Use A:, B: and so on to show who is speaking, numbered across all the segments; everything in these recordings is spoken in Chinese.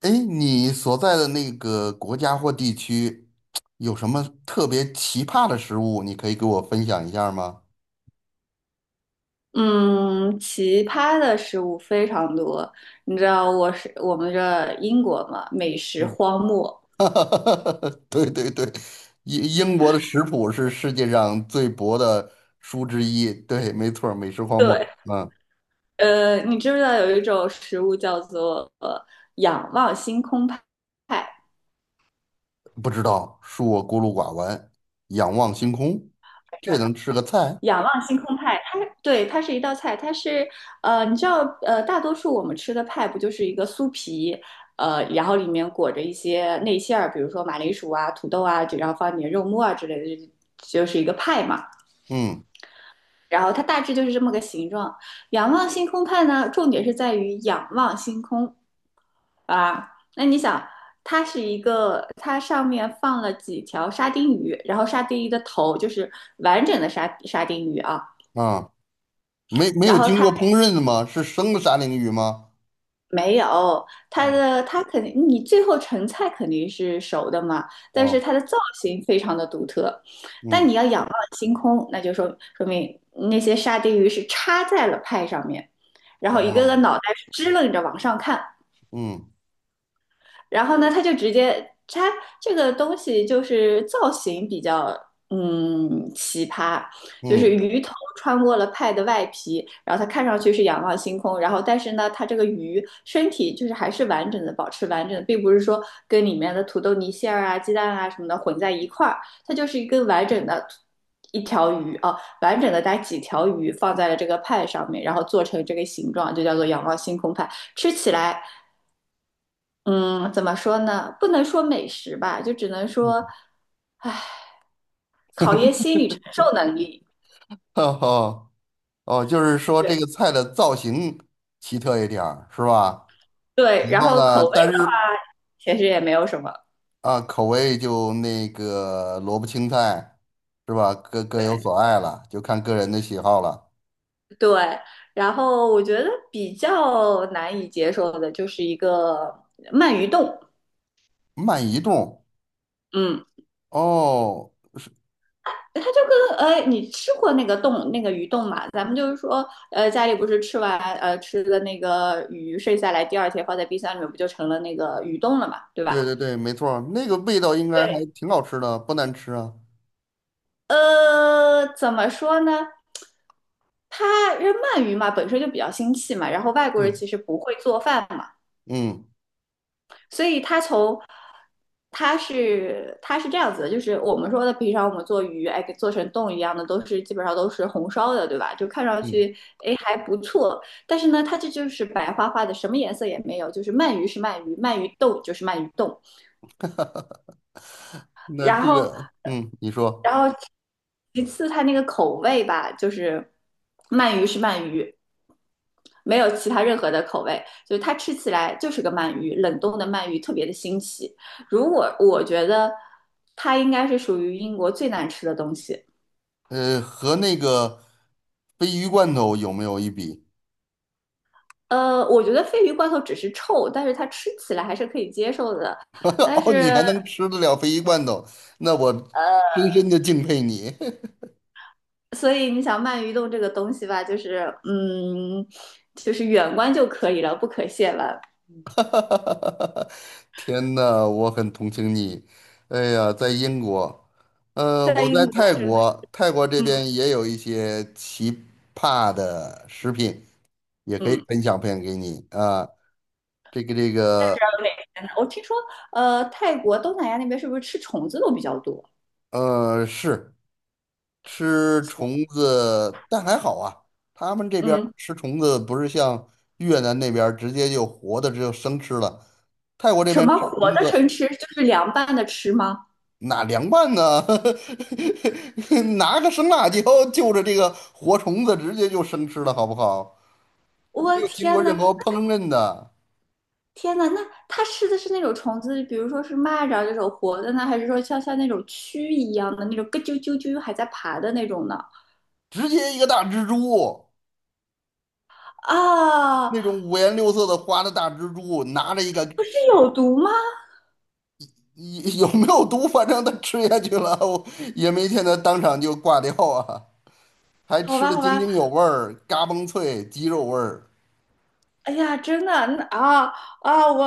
A: 哎，你所在的那个国家或地区有什么特别奇葩的食物？你可以给我分享一下吗？
B: 嗯，奇葩的食物非常多。你知道我是我们这英国嘛，美食
A: 嗯。
B: 荒漠。
A: 对对对，英国的食谱是世界上最薄的书之一。对，没错儿，美食荒
B: 对，
A: 漠。嗯。
B: 你知不知道有一种食物叫做仰望星空派？
A: 不知道，恕我孤陋寡闻，仰望星空，这能吃个菜？
B: 仰望星空派，它对，它是一道菜，它是你知道大多数我们吃的派不就是一个酥皮，然后里面裹着一些内馅儿，比如说马铃薯啊、土豆啊，然后放点肉末啊之类的，就是一个派嘛。
A: 嗯，
B: 然后它大致就是这么个形状。仰望星空派呢，重点是在于仰望星空啊。那你想，它是一个，它上面放了几条沙丁鱼，然后沙丁鱼的头就是完整的沙丁鱼啊，
A: 啊，没没
B: 然
A: 有
B: 后
A: 经
B: 它
A: 过烹饪的吗？是生的沙丁鱼吗？
B: 没有，它
A: 啊，
B: 的它肯定，你最后成菜肯定是熟的嘛，但
A: 哦，
B: 是它的造型非常的独特。但
A: 嗯，
B: 你要仰望星空，那就说明那些沙丁鱼是插在了派上面，然后一个个
A: 哦，
B: 脑袋是支棱着往上看。
A: 嗯
B: 然后呢，他这个东西就是造型比较奇葩，就是
A: 嗯。
B: 鱼头穿过了派的外皮，然后它看上去是仰望星空，然后但是呢，它这个鱼身体就是还是完整的，保持完整的，并不是说跟里面的土豆泥馅儿啊、鸡蛋啊什么的混在一块儿，它就是一根完整的。一条鱼啊，完整的带几条鱼放在了这个派上面，然后做成这个形状，就叫做仰望星空派。吃起来嗯，怎么说呢？不能说美食吧，就只能说考验心理承受能力。
A: 哦哦，就是说
B: 对
A: 这个菜的造型奇特一点儿，是吧？
B: 对，
A: 然
B: 然
A: 后
B: 后
A: 呢，
B: 口味
A: 但
B: 上
A: 是
B: 其实也没有什么。
A: 啊，口味就那个萝卜青菜，是吧？各有所爱了，就看个人的喜好了。
B: 对，然后我觉得比较难以接受的就是一个鳗鱼冻。
A: 慢移动，
B: 嗯，
A: 哦，
B: 它就跟你吃过那个冻那个鱼冻嘛？咱们就是说，家里不是吃完吃的那个鱼剩下来，第二天放在冰箱里面，不就成了那个鱼冻了嘛，对
A: 对
B: 吧？
A: 对对，没错儿，那个味道应该还
B: 对。
A: 挺好吃的，不难吃啊。
B: 怎么说呢？他因为鳗鱼嘛，本身就比较腥气嘛，然后外国人
A: 嗯
B: 其实不会做饭嘛，
A: 嗯
B: 所以他从他是这样子的，就是我们说的平常我们做鱼，哎，给做成冻一样的，都是基本上都是红烧的，对吧？就看上
A: 嗯，
B: 去哎还不错，但是呢，它这就是白花花的，什么颜色也没有，就是鳗鱼是鳗鱼，鳗鱼冻就是鳗鱼冻，
A: 那
B: 然
A: 这
B: 后，
A: 个，嗯，你说，
B: 然后其次它那个口味吧，就是鳗鱼是鳗鱼，没有其他任何的口味，就是它吃起来就是个鳗鱼，冷冻的鳗鱼特别的新奇。如果我觉得它应该是属于英国最难吃的东西。
A: 和那个鲱鱼罐头有没有一比？
B: 我觉得鲱鱼罐头只是臭，但是它吃起来还是可以接受的。但
A: 哦，你还
B: 是，
A: 能吃得了鲱鱼罐头，那我深深的敬佩你。
B: 所以你想鳗鱼冻这个东西吧，就是就是远观就可以了，不可亵玩。
A: 天呐，我很同情你。哎呀，在英国，
B: 在
A: 我在
B: 英国
A: 泰
B: 真的，
A: 国，泰国这
B: 嗯，
A: 边也有一些奇葩的食品，也可以
B: 嗯，
A: 分享分享给你啊。这个这
B: 那不
A: 个，
B: 知道有点天呢我听说，泰国、东南亚那边是不是吃虫子都比较多？
A: 是。吃虫子，但还好啊，他们这边儿
B: 嗯，
A: 吃虫子不是像越南那边儿直接就活的，只有生吃了。泰国这
B: 什
A: 边
B: 么
A: 吃
B: 活的生吃，就是凉拌的吃吗？
A: 哪凉拌呢？拿个生辣椒就着这个活虫子直接就生吃了，好不好？没
B: 我
A: 有经过
B: 天
A: 任
B: 呐，
A: 何烹饪的，
B: 天呐，那它吃的是那种虫子，比如说是蚂蚱这种活的呢，还是说像那种蛆一样的那种咯啾啾啾还在爬的那种呢？
A: 直接一个大蜘蛛，
B: 啊，
A: 那种五颜六色的花的大蜘蛛，拿着一个。
B: 不是有毒吗？
A: 有没有毒？反正它吃下去了，我也没见它当场就挂掉啊。还
B: 好
A: 吃
B: 吧，
A: 的
B: 好
A: 津
B: 吧，
A: 津有味儿，嘎嘣脆，鸡肉味儿，
B: 哎呀，真的，那啊，啊，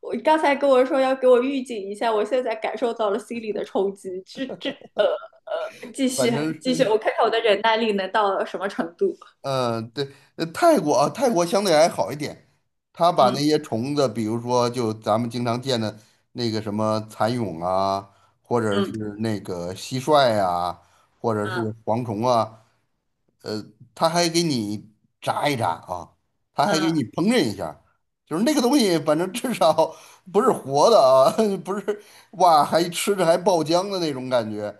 B: 我刚才跟我说要给我预警一下，我现在感受到了心理的冲击。这呃继续
A: 反正是，
B: 继续，我看看我的忍耐力能到什么程度。
A: 嗯、对，泰国啊，泰国相对还好一点，他把那些
B: 嗯，
A: 虫子，比如说就咱们经常见的那个什么蚕蛹啊，或者是
B: 嗯，
A: 那个蟋蟀啊，或者是
B: 嗯，
A: 蝗虫啊，呃，他还给你炸一炸啊，他还给
B: 嗯，
A: 你烹饪一下就是那个东西，反正至少不是活的啊，不是哇，还吃着还爆浆的那种感觉。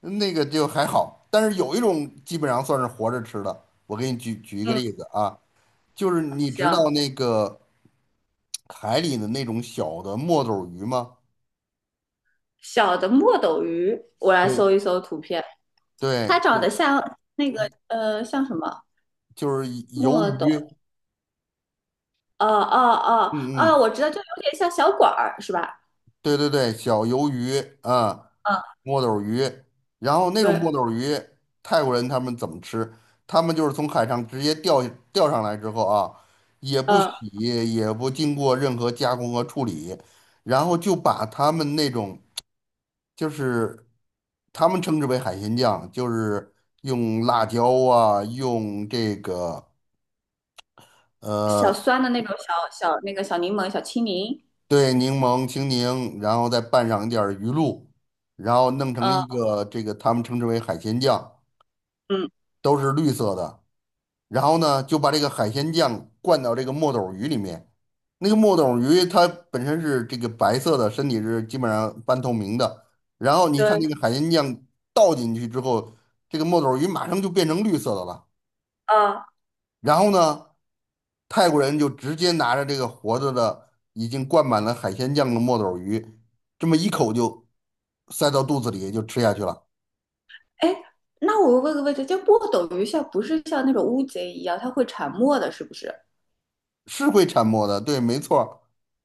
A: 那个就还好，但是有一种基本上算是活着吃的。我给你举举一个
B: 嗯，
A: 例子啊，就是你知道
B: 行。
A: 那个海里的那种小的墨斗鱼吗？
B: 小的墨斗鱼，我来
A: 对，
B: 搜一搜图片，它
A: 对，
B: 长
A: 就
B: 得像那个像什么
A: 就是鱿
B: 墨斗？
A: 鱼，
B: 哦哦哦
A: 嗯
B: 哦，
A: 嗯，
B: 我知道，就有点像小管儿是吧？
A: 对对对，小鱿鱼啊，
B: 嗯，
A: 墨斗鱼，然后那种
B: 对，
A: 墨斗鱼，泰国人他们怎么吃？他们就是从海上直接钓上来之后啊，也不
B: 呃。
A: 洗，也不经过任何加工和处理，然后就把他们那种就是他们称之为海鲜酱，就是用辣椒啊，用这个。
B: 小
A: 呃。
B: 酸的那种小那个小柠檬、小青柠，
A: 对，柠檬、青柠，然后再拌上一点儿鱼露，然后弄成
B: 嗯，
A: 一个这个他们称之为海鲜酱，
B: 嗯，
A: 都是绿色的。然后呢，就把这个海鲜酱灌到这个墨斗鱼里面。那个墨斗鱼它本身是这个白色的，身体是基本上半透明的。然后你看
B: 对，
A: 那个海鲜酱倒进去之后，这个墨斗鱼马上就变成绿色的了。
B: 啊，
A: 然后呢，泰国人就直接拿着这个活着的、已经灌满了海鲜酱的墨斗鱼，这么一口就塞到肚子里就吃下去了，
B: 哎，那我问个问题，就墨斗鱼像不是像那种乌贼一样，它会沉默的，是不是？
A: 是会产墨的，对，没错儿，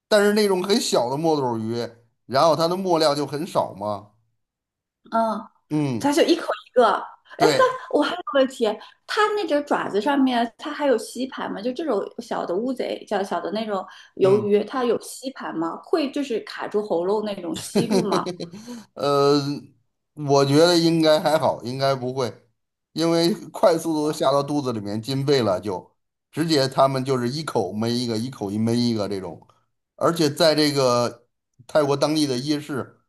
A: 但是那种很小的墨斗鱼，然后它的墨料就很少嘛，
B: 嗯，它
A: 嗯，
B: 就一口一个。哎，但
A: 对，
B: 我还有个问题，它那个爪子上面它还有吸盘吗？就这种小的乌贼，叫小的那种鱿
A: 嗯。
B: 鱼，它有吸盘吗？会就是卡住喉咙那种吸住吗？
A: 呃，我觉得应该还好，应该不会，因为快速度下到肚子里面进肺了就，直接他们就是一口闷一个，一口一闷一个这种，而且在这个泰国当地的夜市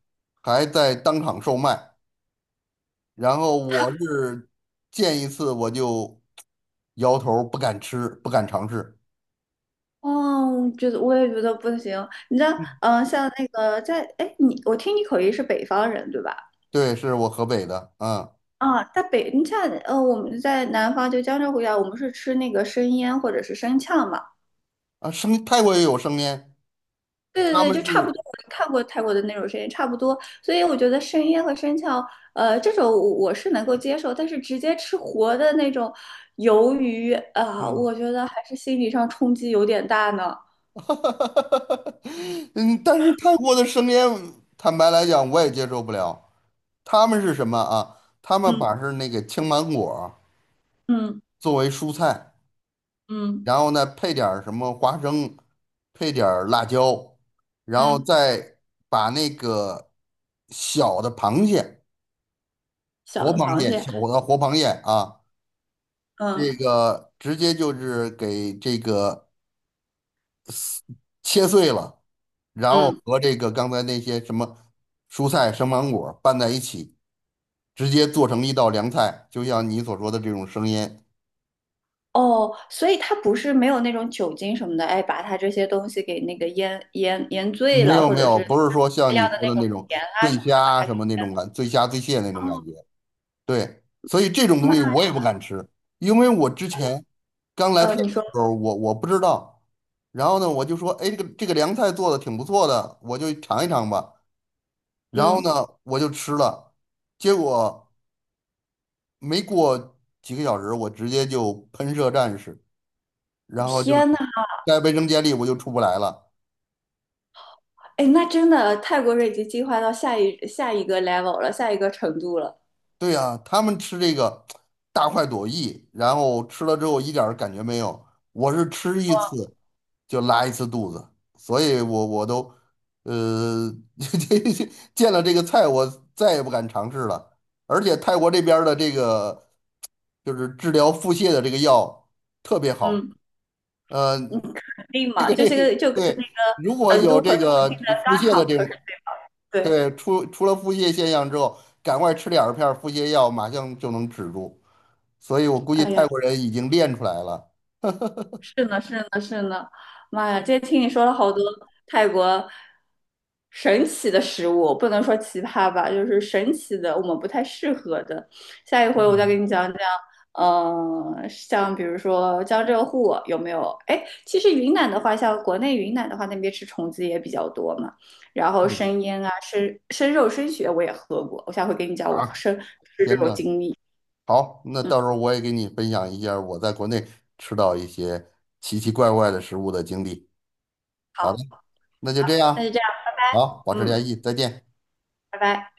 A: 还在当场售卖，然后我是见一次我就摇头儿不敢吃，不敢尝试。
B: 哦，觉得我也觉得不行。你知道，嗯、像那个在，哎，你我听你口音是北方人对吧？
A: 对，是我河北的，啊，
B: 啊，在北，你像我们在南方就江浙沪一带，我们是吃那个生腌或者是生呛嘛。
A: 啊，生泰国也有生腌，
B: 对对
A: 他
B: 对，
A: 们
B: 就差不
A: 是。
B: 多。我看过泰国的那种生腌，差不多。所以我觉得生腌和生呛，这种我是能够接受，但是直接吃活的那种鱿鱼啊、
A: 嗯。
B: 我觉得还是心理上冲击有点大呢。
A: 嗯，但是泰国的生腌，坦白来讲，我也接受不了。他们是什么啊？他们
B: 嗯，
A: 把是那个青芒果
B: 嗯，
A: 作为蔬菜，
B: 嗯，
A: 然后呢配点儿什么花生，配点儿辣椒，然后
B: 嗯，
A: 再把那个小的螃蟹，
B: 小
A: 活
B: 的
A: 螃
B: 螃
A: 蟹，
B: 蟹，
A: 小的活螃蟹啊，这
B: 嗯，
A: 个直接就是给这个。切碎了，然后
B: 嗯。
A: 和这个刚才那些什么蔬菜、生芒果拌在一起，直接做成一道凉菜，就像你所说的这种生腌。
B: 哦，所以他不是没有那种酒精什么的，哎，把他这些东西给那个腌醉
A: 没
B: 了，
A: 有
B: 或
A: 没
B: 者
A: 有，
B: 是
A: 不是说
B: 大
A: 像你
B: 量的
A: 说
B: 那
A: 的
B: 种
A: 那种
B: 盐啊
A: 醉
B: 什么的，把
A: 虾
B: 它给。
A: 什么那种感，醉虾醉蟹那种感
B: 哦，
A: 觉。对，所以这种东
B: 妈，
A: 西我也不敢吃，因为我之前刚来泰国
B: 你说，
A: 的时候，我不知道。然后呢，我就说，哎，这个凉菜做的挺不错的，我就尝一尝吧。然后
B: 嗯，
A: 呢，我就吃了，结果。没过几个小时，我直接就喷射战士，然后就
B: 天呐，
A: 在卫生间里我就出不来了。
B: 哎，那真的泰国人已经进化到下一个 level 了，下一个程度了。
A: 对呀，他们吃这个大快朵颐，然后吃了之后一点儿感觉没有，我是吃一次就拉一次肚子，所以我都呃 见了这个菜我再也不敢尝试了。而且泰国这边儿的这个就是治疗腹泻的这个药特别好。
B: 嗯，
A: 呃，
B: 肯定嘛，这些个就跟那
A: 对，如果
B: 个成
A: 有
B: 都和
A: 这
B: 重
A: 个
B: 庆的
A: 腹
B: 肛
A: 泻的
B: 肠
A: 这
B: 科是
A: 种，
B: 对。不对，
A: 对，出了腹泻现象之后，赶快吃两片儿腹泻药，马上就能止住。所以我估计
B: 哎
A: 泰
B: 呀。
A: 国人已经练出来了。
B: 是呢，是呢，是呢，妈呀！今天听你说了好多泰国神奇的食物，不能说奇葩吧，就是神奇的，我们不太适合的。下一回我再给
A: 嗯
B: 你讲讲，嗯、像比如说江浙沪有没有？哎，其实云南的话，像国内云南的话，那边吃虫子也比较多嘛。然后
A: 嗯，
B: 生腌啊，生肉、生血我也喝过，我下回给你讲我
A: 啊，
B: 生吃这
A: 天
B: 种
A: 呐，
B: 经历。
A: 好，那到时候我也给你分享一下我在国内吃到一些奇奇怪怪的食物的经历。好
B: 好，
A: 的，那就这
B: 那就
A: 样，
B: 这样，
A: 好，保持
B: 嗯，
A: 联系，再见。
B: 拜拜。